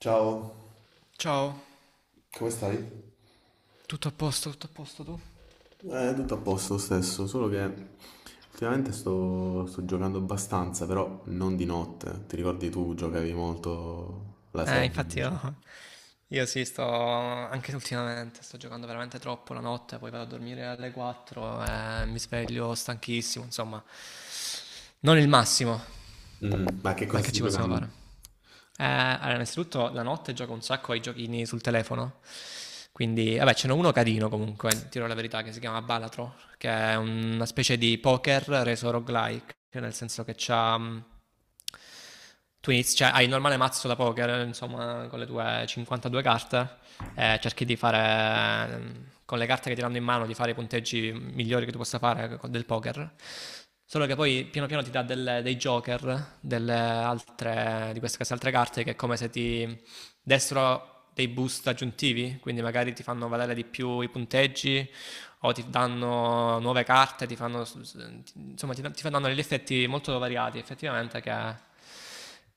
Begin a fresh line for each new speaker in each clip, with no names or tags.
Ciao,
Ciao,
come stai?
tutto a posto tu?
Tutto a posto lo stesso, solo che ultimamente sto giocando abbastanza, però non di notte. Ti ricordi tu giocavi molto la sera
Infatti
invece?
io sì, sto anche ultimamente, sto giocando veramente troppo la notte, poi vado a dormire alle 4 e mi sveglio stanchissimo, insomma, non il massimo.
Mm. Ma che
Ma
cosa
che
stai
ci possiamo
giocando?
fare? Allora, innanzitutto la notte gioco un sacco ai giochini sul telefono. Quindi, vabbè, ce n'è uno carino comunque, tiro la verità, che si chiama Balatro, che è una specie di poker reso roguelike, nel senso che tu inizi, cioè, hai il normale mazzo da poker, insomma, con le tue 52 carte, e cerchi di fare, con le carte che ti danno in mano, di fare i punteggi migliori che tu possa fare del poker. Solo che poi piano piano ti dà dei joker, delle altre, di queste altre carte che è come se ti dessero dei boost aggiuntivi, quindi magari ti fanno valere di più i punteggi o ti danno nuove carte, ti fanno, s- s- ti- insomma, ti fanno degli effetti molto variati, effettivamente, che,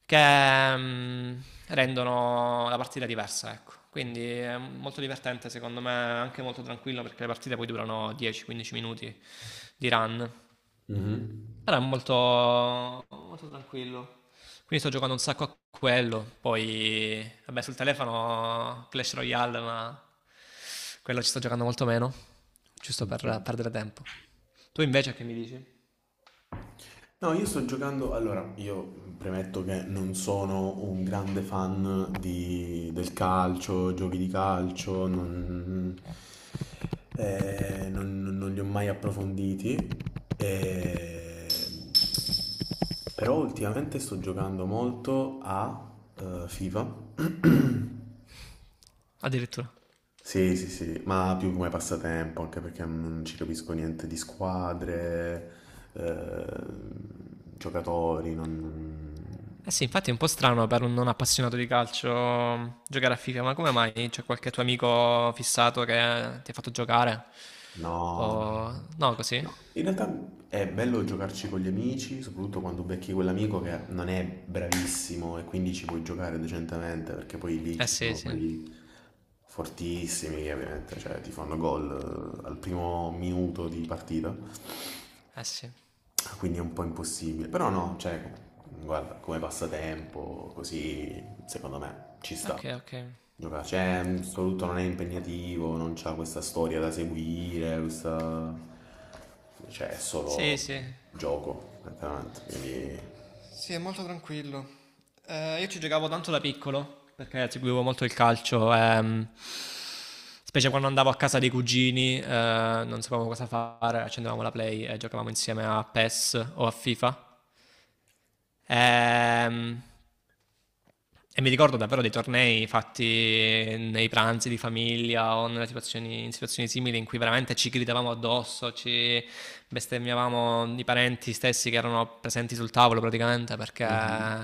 che, mm, rendono la partita diversa, ecco. Quindi è molto divertente, secondo me, anche molto tranquillo perché le partite poi durano 10-15 minuti di run.
Mhm.
Però è molto, molto tranquillo. Quindi sto giocando un sacco a quello. Poi, vabbè, sul telefono Clash Royale, ma quello ci sto giocando molto meno, giusto per
Ok.
perdere tempo. Tu invece che mi dici?
No, io sto giocando. Allora, io premetto che non sono un grande fan del calcio, giochi di calcio, non li ho mai approfonditi. eh, Però ultimamente sto giocando molto a FIFA.
Addirittura.
Sì, sì, sì, ma più come passatempo, anche perché non ci capisco niente di squadre, eh, giocatori, non.
Eh sì, infatti è un po' strano per un non appassionato di calcio giocare a FIFA, ma come mai c'è qualche tuo amico fissato che ti ha fatto giocare?
No, no.
O
No.
no, così?
No. In realtà è bello giocarci con gli amici, soprattutto quando becchi quell'amico che non è bravissimo e quindi ci puoi giocare decentemente, perché poi lì
Eh
ci
sì,
sono
sì.
quelli fortissimi che ovviamente cioè, ti fanno gol al primo minuto di partita,
Eh sì.
quindi è un po' impossibile. Però no, cioè, guarda, come passatempo, così, secondo me ci sta.
Ok, ok.
Gioca, cioè, sto lutto non è impegnativo, non c'ha questa storia da seguire, questa cioè, è
Sì,
solo
sì.
gioco, veramente, quindi.
Sì, è molto tranquillo. Io ci giocavo tanto da piccolo perché seguivo molto il calcio, specie quando andavo a casa dei cugini, non sapevamo cosa fare, accendevamo la Play e giocavamo insieme a PES o a FIFA. Ehm, e mi ricordo davvero dei tornei fatti nei pranzi di famiglia o nelle situazioni, in situazioni simili in cui veramente ci gridavamo addosso, ci bestemmiavamo i parenti stessi che erano presenti sul tavolo praticamente perché
Mhm.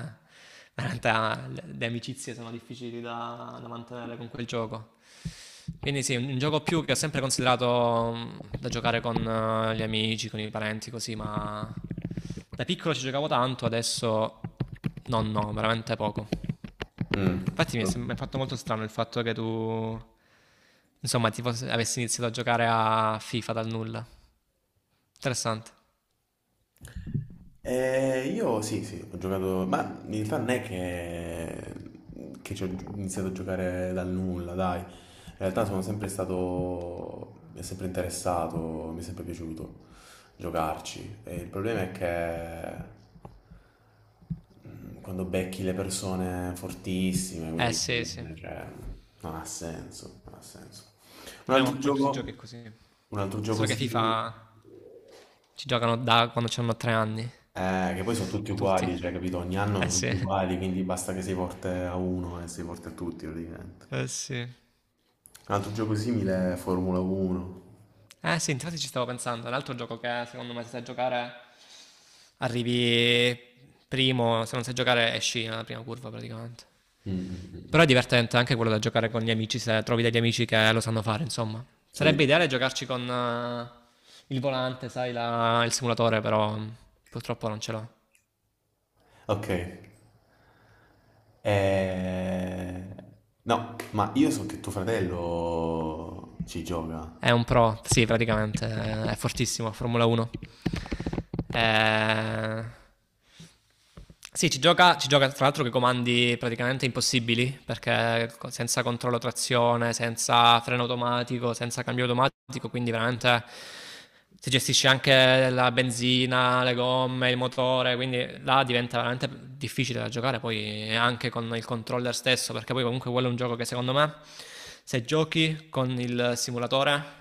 veramente le amicizie sono difficili da mantenere con quel gioco. Quindi sì, un gioco più che ho sempre considerato da giocare con gli amici, con i parenti, così, ma da piccolo ci giocavo tanto, adesso no, no, veramente poco.
Mm.
Infatti mi è fatto molto strano il fatto che tu, insomma, avessi iniziato a giocare a FIFA dal nulla. Interessante.
Io sì, sì, ho giocato, ma in realtà non è che ci ho iniziato a giocare dal nulla, dai. In realtà sono sempre stato, mi è sempre interessato, mi è sempre piaciuto giocarci. E il problema è che mm, quando becchi le persone fortissime,
Eh
quindi
sì,
alla
sì.
fine, cioè, non ha senso, non ha senso. Un
Dobbiamo
altro
un po' in tutti i giochi è
gioco,
così. È
un altro gioco
solo che
simile.
FIFA ci giocano da quando hanno 3 anni,
Che poi sono tutti
tutti.
uguali, cioè, capito? Ogni anno
Eh
sono
sì,
tutti uguali, quindi basta che si porti a uno e si porti a tutti, praticamente.
eh sì.
Un altro gioco simile è Formula 1.
Eh sì, infatti ci stavo pensando. Un altro gioco che secondo me se sai giocare arrivi primo, se non sai giocare esci nella prima curva praticamente.
Mm, mm, mm,
Però è
mm.
divertente anche quello da giocare con gli amici, se trovi degli amici che lo sanno fare, insomma. Sarebbe
Sì.
ideale giocarci con il volante, sai, il simulatore, però purtroppo non ce l'ho.
Ok. Eh, no, ma io so che tuo fratello ci gioca,
È un pro, sì, praticamente, è fortissimo, Formula 1. Eh, sì, ci gioca tra l'altro che comandi praticamente impossibili, perché senza controllo trazione, senza freno automatico, senza cambio automatico, quindi veramente si gestisce anche la benzina, le gomme, il motore, quindi là diventa veramente difficile da giocare poi anche con il controller stesso, perché poi comunque quello è un gioco che secondo me se giochi con il simulatore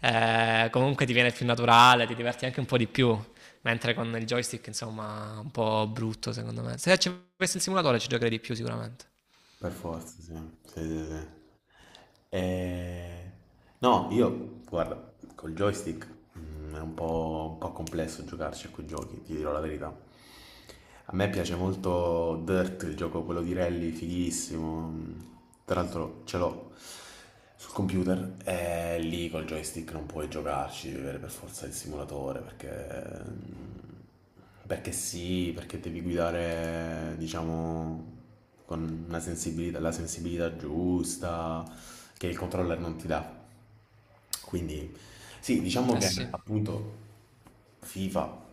comunque ti viene più naturale, ti diverti anche un po' di più. Mentre con il joystick, insomma, un po' brutto secondo me. Se ci avessi il simulatore ci giocherei di più sicuramente.
per forza, sì. Sì, sì, sì. Eh, no, io, guarda, col joystick mm, è un un po' complesso giocarci a quei giochi, ti dirò la verità. A me piace molto Dirt, il gioco quello di rally, fighissimo. Tra l'altro ce l'ho sul computer e lì col joystick non puoi giocarci, devi avere per forza il simulatore perché sì, perché devi guidare, diciamo, con una la sensibilità giusta che il controller non ti dà. Quindi sì, diciamo
Eh
che
sì,
appunto FIFA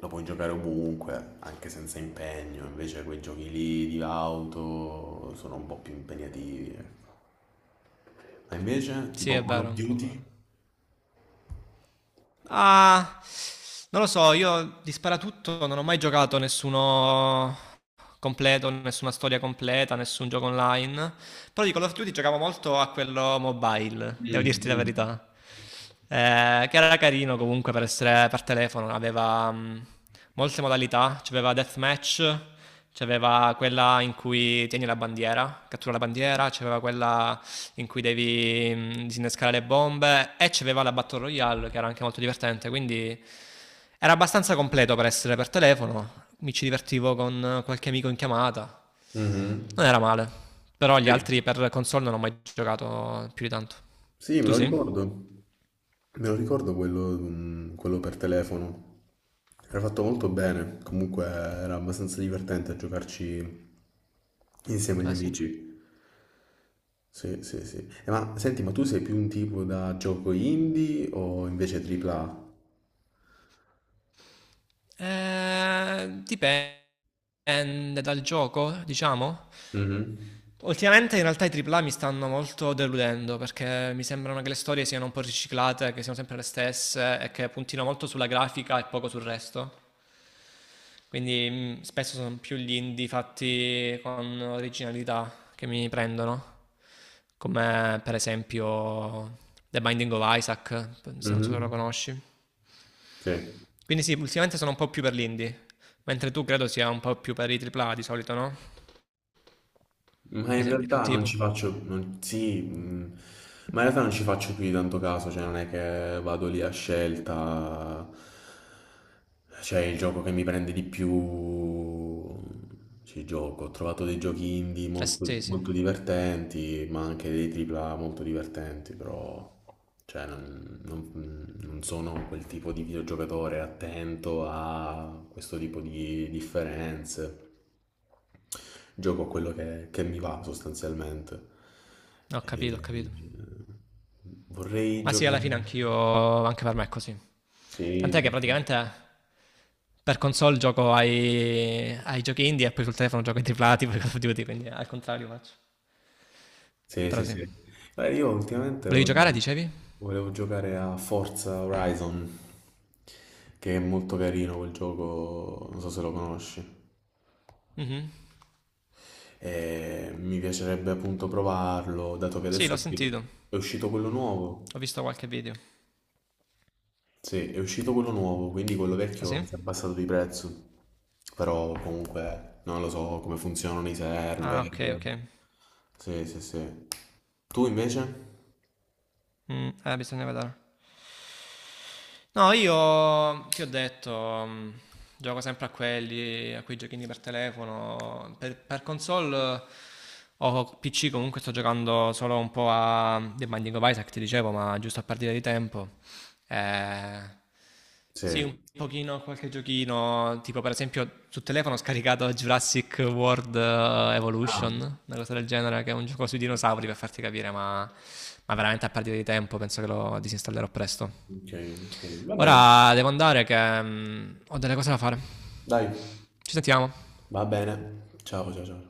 lo puoi giocare ovunque, anche senza impegno, invece quei giochi lì di auto sono un po' più impegnativi, ecco. Ma invece
sì
tipo
è
Call
vero,
of
è un po'
Duty?
vero. Ah, non lo so, io di Sparatutto non ho mai giocato nessuno completo, nessuna storia completa, nessun gioco online. Però di Call of Duty giocavo molto a quello mobile, devo
Mm,
dirti la
mm,
verità. Che era carino comunque per essere per telefono, aveva molte modalità, c'aveva Deathmatch, c'aveva quella in cui tieni la bandiera, cattura la bandiera, c'aveva quella in cui devi disinnescare le bombe e c'aveva la Battle Royale che era anche molto divertente, quindi era abbastanza completo per essere per telefono, mi ci divertivo con qualche amico in chiamata, non
mhm.
era male, però gli
Sì.
altri per console non ho mai giocato più di tanto.
Sì, me
Tu
lo
sì?
ricordo. Me lo ricordo quello, mm, quello per telefono. Era fatto molto bene, comunque era abbastanza divertente a giocarci insieme agli
Eh sì.
amici. Sì, sì, sì. Ma senti, ma tu sei più un tipo da gioco indie o invece AAA?
Dipende dal gioco, diciamo.
Mhm.
Ultimamente in realtà i AAA mi stanno molto deludendo perché mi sembrano che le storie siano un po' riciclate, che siano sempre le stesse e che puntino molto sulla grafica e poco sul resto. Quindi spesso sono più gli indie fatti con originalità che mi prendono, come per esempio The Binding of Isaac, se non so se
Mhm.
lo conosci.
Sì.
Quindi sì, ultimamente sono un po' più per l'indie, mentre tu credo sia un po' più per i AAA di solito, no?
Ma
Mi
in
sembri più
realtà non
tipo.
ci faccio, non- sì, ma in realtà non ci faccio più di tanto caso, cioè non è che vado lì a scelta, cioè il gioco che mi prende di più ci gioco. Ho trovato dei giochi indie
Eh
molto,
sì, sì, no,
molto divertenti, ma anche dei AAA molto divertenti, però cioè, non sono quel tipo di videogiocatore attento a questo tipo di differenze. Gioco a quello che mi va sostanzialmente.
ho capito, ho
E-
capito.
Vorrei
Ma sì, alla
giocare.
fine anch'io, anche per me è così.
Sì,
Tant'è che
sì, sì.
praticamente per console gioco ai giochi indie e poi sul telefono gioco ai AAA, tipo Call of Duty, quindi al contrario faccio.
Sì,
Però
sì,
sì.
sì. Guarda, io ultimamente
Volevi giocare, dicevi?
volevo giocare a Forza Horizon, che è molto carino quel gioco, non so se lo conosci.
Mhm.
E mi piacerebbe appunto provarlo, dato che
Sì,
adesso è
l'ho sentito.
è uscito quello nuovo.
Ho visto qualche video.
Sì, è uscito quello nuovo, quindi quello
Ah sì?
vecchio si è abbassato di prezzo. Però comunque non lo so come funzionano i
Ah, ok,
server.
ok.
Sì, sì, sì. Tu invece?
Bisogna vedere. No, io ti ho detto, mm, gioco sempre a quelli, a quei giochini per telefono. Per console o PC comunque sto giocando solo un po' a The Binding of Isaac, ti dicevo, ma giusto a partire di tempo. Eh, sì, un
Sì.
pochino a qualche giochino, tipo per esempio sul telefono ho scaricato Jurassic World
Ah,
Evolution, una cosa del genere, che è un gioco sui dinosauri per farti capire, ma veramente a partire di tempo penso che lo disinstallerò presto.
ok, ok. Va bene.
Ora devo andare che ho delle cose da fare.
Dai,
Ci sentiamo.
va bene. Ciao, ciao, ciao.